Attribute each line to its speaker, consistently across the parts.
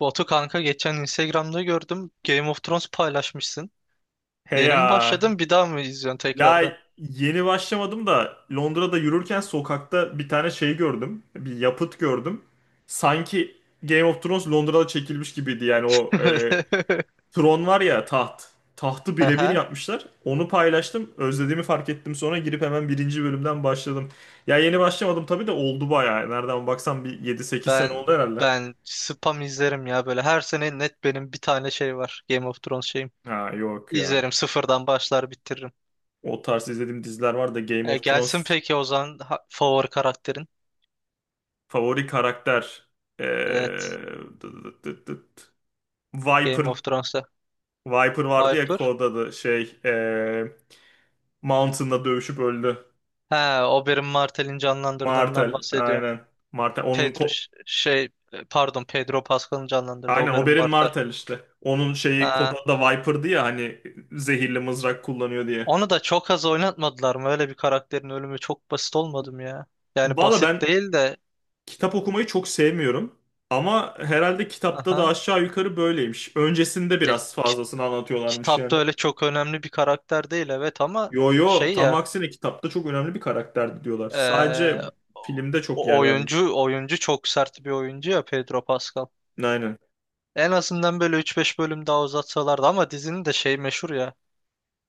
Speaker 1: Batu kanka geçen Instagram'da gördüm. Game of Thrones paylaşmışsın.
Speaker 2: He
Speaker 1: Yeni mi
Speaker 2: ya.
Speaker 1: başladın, bir daha mı izliyorsun tekrardan?
Speaker 2: Ya yeni başlamadım da Londra'da yürürken sokakta bir tane şey gördüm. Bir yapıt gördüm. Sanki Game of Thrones Londra'da çekilmiş gibiydi. Yani o tron var ya taht. Tahtı birebir
Speaker 1: Aha,
Speaker 2: yapmışlar. Onu paylaştım. Özlediğimi fark ettim. Sonra girip hemen birinci bölümden başladım. Ya yeni başlamadım tabii de oldu bayağı. Nereden baksan bir 7-8 sene
Speaker 1: ben
Speaker 2: oldu herhalde.
Speaker 1: ben spam izlerim ya, böyle her sene net benim bir tane şey var, Game of Thrones şeyim.
Speaker 2: Ha yok ya.
Speaker 1: İzlerim, sıfırdan başlar bitiririm.
Speaker 2: O tarz izlediğim diziler var da Game of
Speaker 1: Gelsin
Speaker 2: Thrones.
Speaker 1: peki o zaman, favori karakterin.
Speaker 2: Favori karakter. Ee,
Speaker 1: Evet,
Speaker 2: dıt dıt dıt dıt. Viper.
Speaker 1: Game of Thrones'ta
Speaker 2: Viper vardı ya
Speaker 1: Viper.
Speaker 2: kod da Şey. Mountain'la dövüşüp öldü.
Speaker 1: He, Oberyn Martell'in canlandırdığından
Speaker 2: Martel.
Speaker 1: bahsediyorum.
Speaker 2: Aynen. Martel.
Speaker 1: Pedro pardon, Pedro Pascal'ın canlandırdığı
Speaker 2: Aynen
Speaker 1: Oberyn
Speaker 2: Oberyn
Speaker 1: Martell.
Speaker 2: Martel işte. Onun şeyi kod da Viper'dı ya hani zehirli mızrak kullanıyor diye.
Speaker 1: Onu da çok az oynatmadılar mı? Öyle bir karakterin ölümü çok basit olmadı mı ya? Yani
Speaker 2: Valla
Speaker 1: basit
Speaker 2: ben
Speaker 1: değil de,
Speaker 2: kitap okumayı çok sevmiyorum. Ama herhalde kitapta da
Speaker 1: aha.
Speaker 2: aşağı yukarı böyleymiş. Öncesinde
Speaker 1: Ya,
Speaker 2: biraz
Speaker 1: ki-
Speaker 2: fazlasını anlatıyorlarmış yani.
Speaker 1: kitapta öyle çok önemli bir karakter değil evet, ama
Speaker 2: Yo yo,
Speaker 1: şey
Speaker 2: tam
Speaker 1: ya
Speaker 2: aksine kitapta çok önemli bir karakterdi diyorlar.
Speaker 1: eee,
Speaker 2: Sadece filmde çok yer vermiş.
Speaker 1: oyuncu çok sert bir oyuncu ya Pedro Pascal.
Speaker 2: Aynen.
Speaker 1: En azından böyle 3 5 bölüm daha uzatsalardı, ama dizinin de şey meşhur ya.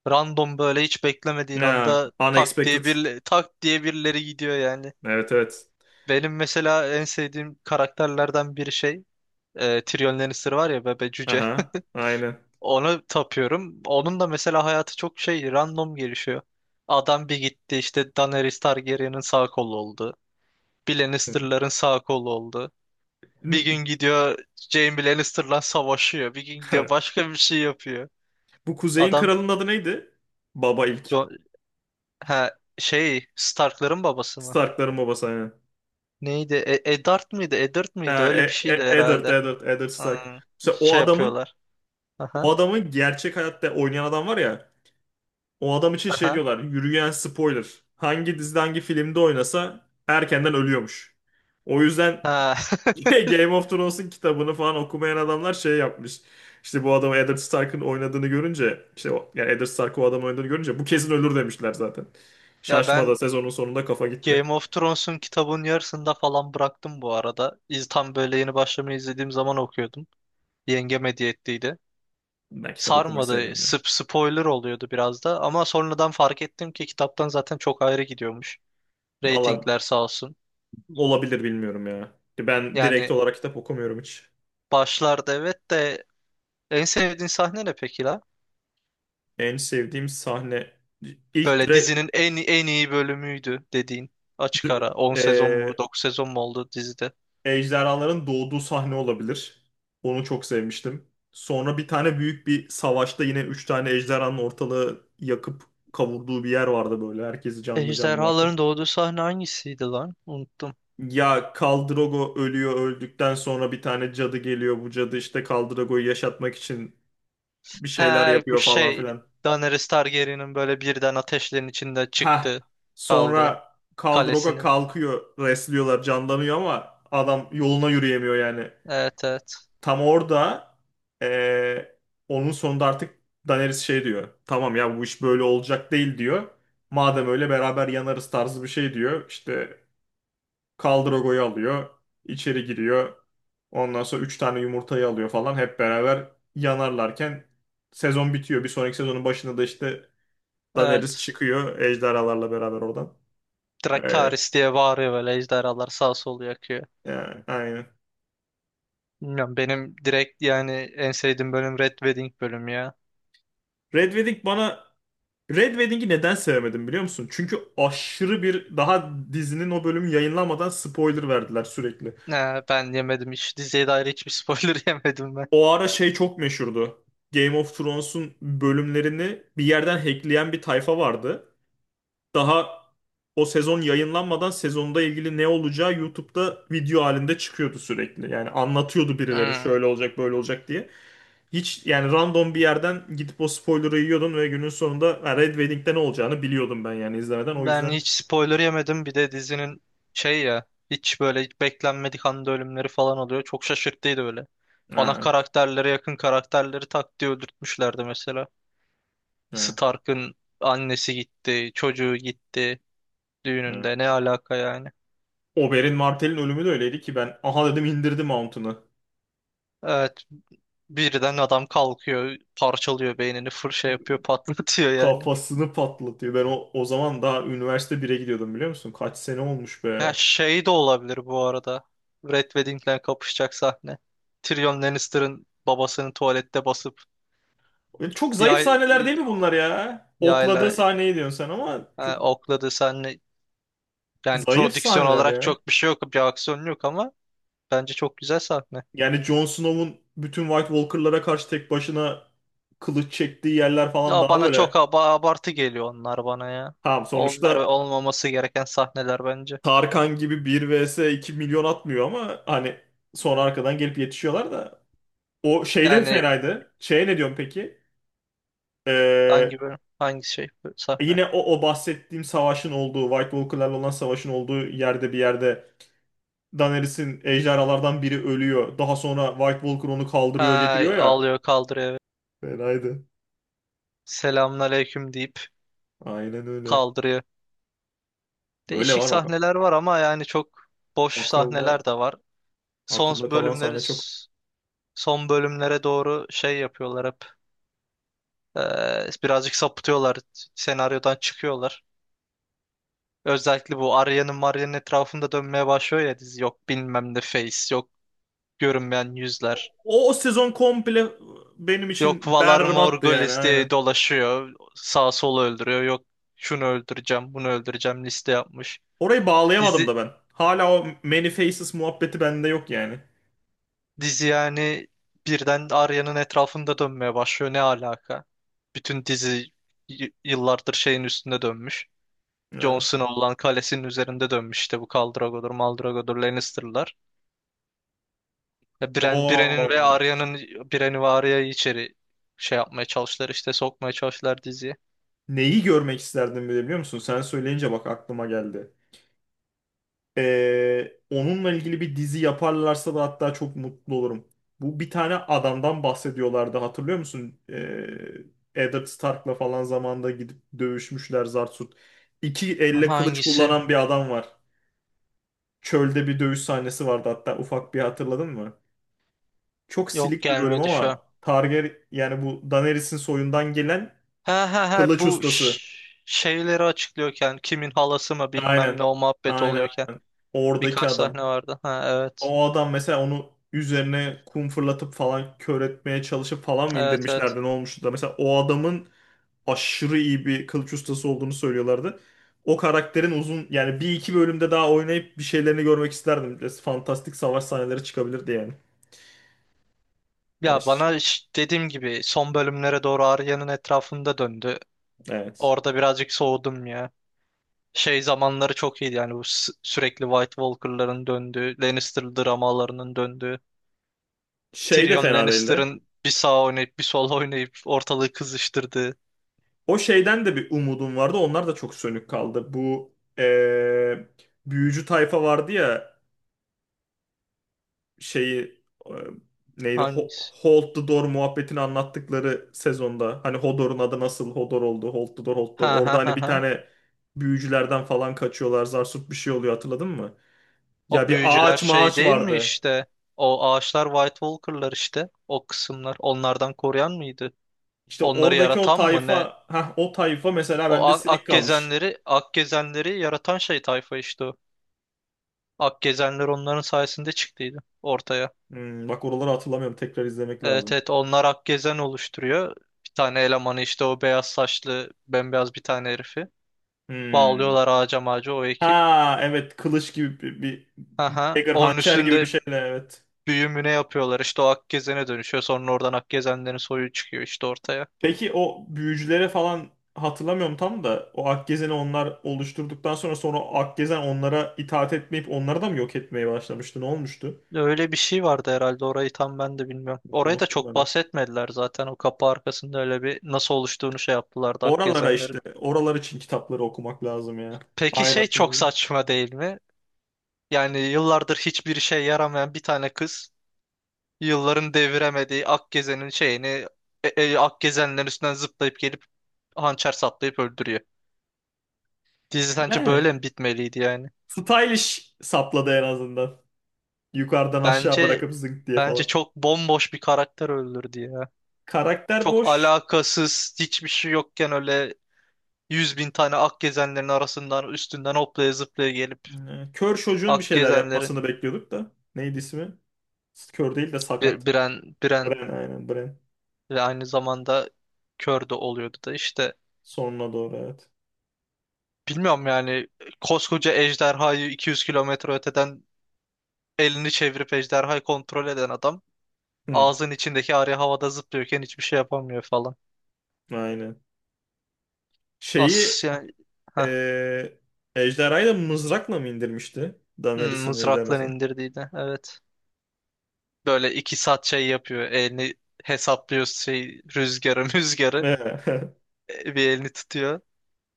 Speaker 1: Random, böyle hiç beklemediğin
Speaker 2: Ya,
Speaker 1: anda tak diye
Speaker 2: unexpected.
Speaker 1: tak diye birileri gidiyor yani.
Speaker 2: Evet evet.
Speaker 1: Benim mesela en sevdiğim karakterlerden biri Tyrion Lannister var ya, bebe cüce.
Speaker 2: Aha, aynen.
Speaker 1: Onu tapıyorum. Onun da mesela hayatı çok şey, random gelişiyor. Adam bir gitti işte Daenerys Targaryen'in sağ kolu oldu. Bir Lannister'ların sağ kolu oldu. Bir gün gidiyor Jaime Lannister'la savaşıyor. Bir gün gidiyor başka bir şey yapıyor.
Speaker 2: Bu Kuzey'in
Speaker 1: Adam
Speaker 2: kralının adı neydi? Baba ilk.
Speaker 1: Jo- ha, şey, Stark'ların babası mı?
Speaker 2: Stark'ların babası aynen.
Speaker 1: Neydi? Eddard mıydı? Eddard mıydı?
Speaker 2: Ha,
Speaker 1: Öyle bir şeydi
Speaker 2: Eddard,
Speaker 1: herhalde.
Speaker 2: Eddard, Eddard
Speaker 1: Hmm,
Speaker 2: Stark. Mesela o
Speaker 1: şey
Speaker 2: adamın
Speaker 1: yapıyorlar.
Speaker 2: o
Speaker 1: Aha.
Speaker 2: adamın gerçek hayatta oynayan adam var ya. O adam için şey
Speaker 1: Aha.
Speaker 2: diyorlar. Yürüyen spoiler. Hangi dizide hangi filmde oynasa erkenden ölüyormuş. O yüzden
Speaker 1: Ha.
Speaker 2: Game of Thrones'un kitabını falan okumayan adamlar şey yapmış. İşte bu adamı Eddard Stark'ın oynadığını görünce işte o, yani Eddard Stark o adamı oynadığını görünce bu kesin ölür demişler zaten.
Speaker 1: Ya
Speaker 2: Şaşmada
Speaker 1: ben
Speaker 2: sezonun sonunda kafa gitti.
Speaker 1: Game of Thrones'un kitabının yarısında falan bıraktım bu arada. İz, tam böyle yeni başlamayı izlediğim zaman okuyordum. Yengem hediye ettiydi.
Speaker 2: Ben kitap okumayı
Speaker 1: Sarmadı.
Speaker 2: sevmiyorum ya.
Speaker 1: Spoiler oluyordu biraz da. Ama sonradan fark ettim ki kitaptan zaten çok ayrı gidiyormuş.
Speaker 2: Valla
Speaker 1: Ratingler sağ olsun.
Speaker 2: olabilir, bilmiyorum ya. Ben direkt
Speaker 1: Yani
Speaker 2: olarak kitap okumuyorum hiç.
Speaker 1: başlarda evet de, en sevdiğin sahne ne peki la?
Speaker 2: En sevdiğim sahne ilk
Speaker 1: Böyle
Speaker 2: direkt
Speaker 1: dizinin en iyi bölümüydü dediğin. Açık ara. 10 sezon mu
Speaker 2: e,
Speaker 1: 9 sezon mu oldu dizide?
Speaker 2: ejderhaların doğduğu sahne olabilir. Onu çok sevmiştim. Sonra bir tane büyük bir savaşta yine üç tane ejderhanın ortalığı yakıp kavurduğu bir yer vardı böyle. Herkesi canlı canlı yaktı.
Speaker 1: Ejderhaların doğduğu sahne hangisiydi lan? Unuttum.
Speaker 2: Ya Khal Drogo ölüyor, öldükten sonra bir tane cadı geliyor. Bu cadı işte Khal Drogo'yu yaşatmak için bir şeyler
Speaker 1: Ha bu
Speaker 2: yapıyor falan
Speaker 1: şey,
Speaker 2: filan.
Speaker 1: Daenerys Targaryen'in böyle birden ateşlerin içinde
Speaker 2: Ha.
Speaker 1: çıktı kaldı
Speaker 2: Sonra Khal Drogo
Speaker 1: kalesinin.
Speaker 2: kalkıyor, resliyorlar, canlanıyor ama adam yoluna yürüyemiyor yani.
Speaker 1: Evet evet.
Speaker 2: Tam orada eee, onun sonunda artık Daenerys şey diyor. Tamam ya, bu iş böyle olacak değil diyor. Madem öyle beraber yanarız tarzı bir şey diyor. İşte Khal Drogo'yu alıyor, içeri giriyor. Ondan sonra 3 tane yumurtayı alıyor falan. Hep beraber yanarlarken sezon bitiyor. Bir sonraki sezonun başında da işte Daenerys
Speaker 1: Evet.
Speaker 2: çıkıyor ejderhalarla beraber oradan. Öyle.
Speaker 1: Dracarys diye bağırıyor, böyle ejderhalar sağ sol yakıyor.
Speaker 2: Yani, aynen.
Speaker 1: Bilmiyorum, benim direkt yani en sevdiğim bölüm Red Wedding bölümü ya.
Speaker 2: Red Wedding bana, Red Wedding'i neden sevmedim biliyor musun? Çünkü aşırı, bir daha dizinin o bölümü yayınlanmadan spoiler verdiler sürekli.
Speaker 1: Ha, ben yemedim hiç. Diziye dair hiçbir spoiler yemedim ben.
Speaker 2: O ara şey çok meşhurdu. Game of Thrones'un bölümlerini bir yerden hackleyen bir tayfa vardı. Daha o sezon yayınlanmadan sezonda ilgili ne olacağı YouTube'da video halinde çıkıyordu sürekli. Yani anlatıyordu birileri
Speaker 1: Hmm.
Speaker 2: şöyle olacak böyle olacak diye. Hiç yani, random bir yerden gidip o spoiler'ı yiyordun ve günün sonunda ha, Red Wedding'de ne olacağını biliyordum ben yani izlemeden. O
Speaker 1: Ben
Speaker 2: yüzden
Speaker 1: hiç spoiler yemedim. Bir de dizinin şey ya, hiç böyle hiç beklenmedik anda ölümleri falan oluyor. Çok şaşırttıydı böyle. Ana
Speaker 2: ha, evet.
Speaker 1: karakterlere yakın karakterleri tak diye öldürtmüşlerdi mesela.
Speaker 2: Evet.
Speaker 1: Stark'ın annesi gitti, çocuğu gitti
Speaker 2: Evet.
Speaker 1: düğününde. Ne alaka yani?
Speaker 2: Oberyn Martell'in ölümü de öyleydi ki ben aha dedim, indirdi Mount'unu.
Speaker 1: Evet, birden adam kalkıyor, parçalıyor beynini, fır şey yapıyor, patlatıyor yani.
Speaker 2: Kafasını patlatıyor. Ben o, o zaman daha üniversite bire gidiyordum, biliyor musun? Kaç sene olmuş
Speaker 1: Ya
Speaker 2: be.
Speaker 1: şey de olabilir bu arada. Red Wedding'le kapışacak sahne. Tyrion Lannister'ın babasının tuvalette basıp
Speaker 2: Çok zayıf
Speaker 1: yay,
Speaker 2: sahneler değil mi bunlar ya? Okladığı
Speaker 1: yayla
Speaker 2: sahneyi diyorsun sen ama çok
Speaker 1: okladı senle, yani
Speaker 2: zayıf
Speaker 1: prodüksiyon
Speaker 2: sahneler
Speaker 1: olarak
Speaker 2: ya.
Speaker 1: çok bir şey yok, bir aksiyon yok, ama bence çok güzel sahne.
Speaker 2: Yani Jon Snow'un bütün White Walker'lara karşı tek başına kılıç çektiği yerler falan
Speaker 1: Ya
Speaker 2: daha
Speaker 1: bana çok
Speaker 2: böyle.
Speaker 1: abartı geliyor onlar bana ya.
Speaker 2: Tamam,
Speaker 1: Onlar
Speaker 2: sonuçta
Speaker 1: olmaması gereken sahneler bence.
Speaker 2: Tarkan gibi 1 vs 2 milyon atmıyor ama hani sonra arkadan gelip yetişiyorlar da. O şeyde
Speaker 1: Yani
Speaker 2: fenaydı. Şeye ne diyorsun peki? Ee,
Speaker 1: hangi bölüm, hangi şey, sahne?
Speaker 2: yine o, o bahsettiğim savaşın olduğu, White Walker'larla olan savaşın olduğu yerde bir yerde Daenerys'in ejderhalardan biri ölüyor. Daha sonra White Walker onu kaldırıyor,
Speaker 1: Ha,
Speaker 2: getiriyor ya.
Speaker 1: ağlıyor kaldırıyor evet. Se
Speaker 2: Fenaydı.
Speaker 1: selamla, selamünaleyküm deyip
Speaker 2: Aynen öyle.
Speaker 1: kaldırıyor.
Speaker 2: Böyle
Speaker 1: Değişik
Speaker 2: var bakalım.
Speaker 1: sahneler var ama yani çok boş
Speaker 2: Akılda,
Speaker 1: sahneler de var. Son
Speaker 2: akılda kalan
Speaker 1: bölümleri
Speaker 2: sahne çok.
Speaker 1: son bölümlere doğru şey yapıyorlar hep. Birazcık sapıtıyorlar. Senaryodan çıkıyorlar. Özellikle bu Arya'nın, Marya'nın etrafında dönmeye başlıyor ya dizi. Yok bilmem ne face, yok görünmeyen yüzler.
Speaker 2: O, o sezon komple benim
Speaker 1: Yok
Speaker 2: için
Speaker 1: Valar
Speaker 2: berbattı yani,
Speaker 1: Morghulis diye
Speaker 2: aynen.
Speaker 1: dolaşıyor. Sağ solu öldürüyor. Yok şunu öldüreceğim, bunu öldüreceğim, liste yapmış.
Speaker 2: Orayı bağlayamadım
Speaker 1: Dizi,
Speaker 2: da ben. Hala o Many Faces muhabbeti bende yok yani.
Speaker 1: dizi yani birden Arya'nın etrafında dönmeye başlıyor. Ne alaka? Bütün dizi yıllardır şeyin üstünde dönmüş. Jon
Speaker 2: Evet.
Speaker 1: Snow olan kalesinin üzerinde dönmüş, işte bu Khal Drogo'dur, Mal Drogo'dur, Lannister'lar. Ya Bren, Bren'in ve
Speaker 2: Oo.
Speaker 1: Arya'nın Bren'i ve Arya'yı içeri şey yapmaya çalıştılar, işte sokmaya çalıştılar diziye.
Speaker 2: Neyi görmek isterdim bile biliyor musun? Sen söyleyince bak aklıma geldi. Onunla ilgili bir dizi yaparlarsa da hatta çok mutlu olurum. Bu bir tane adamdan bahsediyorlardı, hatırlıyor musun? Eddard Stark'la falan zamanda gidip dövüşmüşler Zarsut. İki elle kılıç
Speaker 1: Hangisi?
Speaker 2: kullanan bir adam var. Çölde bir dövüş sahnesi vardı hatta, ufak bir hatırladın mı? Çok
Speaker 1: Yok,
Speaker 2: silik bir bölüm
Speaker 1: gelmedi şu an.
Speaker 2: ama Targaryen, yani bu Daenerys'in soyundan gelen
Speaker 1: Ha ha ha,
Speaker 2: kılıç
Speaker 1: bu
Speaker 2: ustası.
Speaker 1: şeyleri açıklıyorken kimin halası mı bilmem
Speaker 2: Aynen.
Speaker 1: ne o muhabbet
Speaker 2: Aynen
Speaker 1: oluyorken
Speaker 2: aynen. Oradaki
Speaker 1: birkaç
Speaker 2: adam.
Speaker 1: sahne vardı. Ha evet.
Speaker 2: O adam mesela, onu üzerine kum fırlatıp falan kör etmeye çalışıp falan mı
Speaker 1: Evet evet.
Speaker 2: indirmişlerdi, ne olmuştu da mesela o adamın aşırı iyi bir kılıç ustası olduğunu söylüyorlardı. O karakterin uzun yani bir iki bölümde daha oynayıp bir şeylerini görmek isterdim. Biraz fantastik savaş sahneleri çıkabilirdi yani.
Speaker 1: Ya
Speaker 2: Baş...
Speaker 1: bana ş-, dediğim gibi, son bölümlere doğru Arya'nın etrafında döndü.
Speaker 2: Evet.
Speaker 1: Orada birazcık soğudum ya. Şey zamanları çok iyiydi yani, bu sürekli White Walker'ların döndüğü, Lannister dramalarının döndüğü,
Speaker 2: Şey de
Speaker 1: Tyrion
Speaker 2: fena değildi.
Speaker 1: Lannister'ın bir sağ oynayıp bir sol oynayıp ortalığı kızıştırdığı.
Speaker 2: O şeyden de bir umudum vardı. Onlar da çok sönük kaldı. Bu büyücü tayfa vardı ya, şeyi neydi
Speaker 1: Hangisi?
Speaker 2: Hold the Door muhabbetini anlattıkları sezonda hani Hodor'un adı nasıl Hodor oldu, Hold the Door, Hold the Door,
Speaker 1: Ha ha
Speaker 2: orada hani
Speaker 1: ha
Speaker 2: bir
Speaker 1: ha.
Speaker 2: tane büyücülerden falan kaçıyorlar, Zarsut bir şey oluyor, hatırladın mı? Ya
Speaker 1: O
Speaker 2: bir
Speaker 1: büyücüler
Speaker 2: ağaç
Speaker 1: şey
Speaker 2: mağaç
Speaker 1: değil mi
Speaker 2: vardı.
Speaker 1: işte? O ağaçlar White Walker'lar işte. O kısımlar onlardan koruyan mıydı?
Speaker 2: İşte
Speaker 1: Onları
Speaker 2: oradaki o
Speaker 1: yaratan mı ne?
Speaker 2: tayfa, ha, o tayfa mesela
Speaker 1: O
Speaker 2: bende silik
Speaker 1: ak
Speaker 2: kalmış.
Speaker 1: gezenleri, ak gezenleri yaratan şey tayfa işte o. Ak gezenler onların sayesinde çıktıydı ortaya.
Speaker 2: Hmm, bak oraları hatırlamıyorum, tekrar izlemek
Speaker 1: Evet
Speaker 2: lazım.
Speaker 1: evet, onlar Akgezen oluşturuyor. Bir tane elemanı işte, o beyaz saçlı bembeyaz bir tane herifi.
Speaker 2: Hmm.
Speaker 1: Bağlıyorlar ağaca mağaca o ekip.
Speaker 2: Ha evet, kılıç gibi bir
Speaker 1: Aha,
Speaker 2: dagger,
Speaker 1: onun
Speaker 2: hançer gibi bir
Speaker 1: üstünde
Speaker 2: şeyle, evet.
Speaker 1: büyümüne yapıyorlar işte, o Akgezen'e dönüşüyor. Sonra oradan Akgezenlerin soyu çıkıyor işte ortaya.
Speaker 2: Peki o büyücülere falan hatırlamıyorum tam da, o Akgezen'i onlar oluşturduktan sonra, sonra o Akgezen onlara itaat etmeyip onları da mı yok etmeye başlamıştı? Ne olmuştu?
Speaker 1: Öyle bir şey vardı herhalde, orayı tam ben de bilmiyorum. Orayı da
Speaker 2: Unuttum
Speaker 1: çok
Speaker 2: ben. De.
Speaker 1: bahsetmediler zaten, o kapı arkasında öyle bir nasıl oluştuğunu şey yaptılardı
Speaker 2: Oralara işte,
Speaker 1: Akgezenlerin.
Speaker 2: oralar için kitapları okumak lazım ya.
Speaker 1: Peki şey
Speaker 2: Aynen.
Speaker 1: çok saçma değil mi? Yani yıllardır hiçbir işe yaramayan bir tane kız, yılların deviremediği Akgezen'in şeyini Akgezenlerin üstünden zıplayıp gelip hançer saplayıp öldürüyor. Dizi sence
Speaker 2: Yani
Speaker 1: böyle mi bitmeliydi yani?
Speaker 2: stylish sapladı en azından. Yukarıdan aşağı
Speaker 1: Bence
Speaker 2: bırakıp zınk diye
Speaker 1: bence
Speaker 2: falan.
Speaker 1: çok bomboş bir karakter öldürdü ya.
Speaker 2: Karakter
Speaker 1: Çok
Speaker 2: boş.
Speaker 1: alakasız, hiçbir şey yokken öyle yüz bin tane Akgezenlerin arasından üstünden hoplaya zıplaya gelip
Speaker 2: Kör çocuğun bir şeyler
Speaker 1: Akgezenlerin
Speaker 2: yapmasını bekliyorduk da. Neydi ismi? Kör değil de sakat.
Speaker 1: Biren
Speaker 2: Bren, aynen Bren.
Speaker 1: ve aynı zamanda kör de oluyordu da işte,
Speaker 2: Sonuna doğru, evet.
Speaker 1: bilmiyorum yani, koskoca ejderhayı 200 kilometre öteden elini çevirip ejderhayı kontrol eden adam
Speaker 2: Hmm.
Speaker 1: ağzın içindeki arı havada zıplıyorken hiçbir şey yapamıyor falan.
Speaker 2: Aynen. Şeyi
Speaker 1: As yani, heh,
Speaker 2: eee ejderhayı da mızrakla mı indirmişti?
Speaker 1: hmm,
Speaker 2: Daenerys'in
Speaker 1: mızrakla
Speaker 2: ejderhası.
Speaker 1: indirdiğini evet. Böyle 2 saat şey yapıyor. Elini hesaplıyor şey rüzgarı müzgarı. Bir elini tutuyor.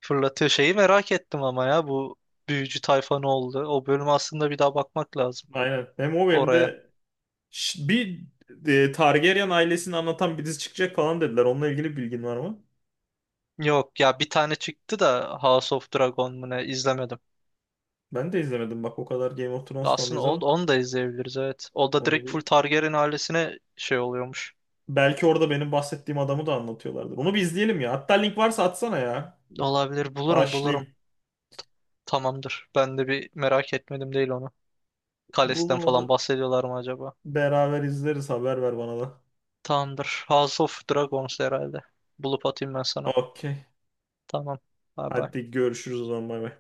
Speaker 1: Fırlatıyor şeyi, merak ettim ama ya, bu büyücü tayfa ne oldu? O bölüm, aslında bir daha bakmak lazım
Speaker 2: Aynen. Hem o hem
Speaker 1: oraya.
Speaker 2: de bir Targaryen ailesini anlatan bir dizi çıkacak falan dediler. Onunla ilgili bir bilgin var mı?
Speaker 1: Yok ya, bir tane çıktı da, House of Dragon mu ne, izlemedim.
Speaker 2: Ben de izlemedim bak, o kadar Game of Thrones
Speaker 1: Aslında
Speaker 2: fanıyız
Speaker 1: Old,
Speaker 2: ama
Speaker 1: onu da izleyebiliriz evet. O da
Speaker 2: onu
Speaker 1: direkt full
Speaker 2: bir,
Speaker 1: Targaryen ailesine şey oluyormuş.
Speaker 2: belki orada benim bahsettiğim adamı da anlatıyorlardır. Onu bir izleyelim ya. Hatta link varsa atsana ya.
Speaker 1: Olabilir, bulurum.
Speaker 2: Başlayayım.
Speaker 1: Tamamdır. Ben de bir merak etmedim değil onu. Kalesinden
Speaker 2: Bulun onu da
Speaker 1: falan bahsediyorlar mı acaba?
Speaker 2: beraber izleriz. Haber ver bana da.
Speaker 1: Tamamdır. House of Dragons herhalde. Bulup atayım ben sana.
Speaker 2: Okey.
Speaker 1: Tamam. Bay bay.
Speaker 2: Hadi görüşürüz o zaman, bay bay.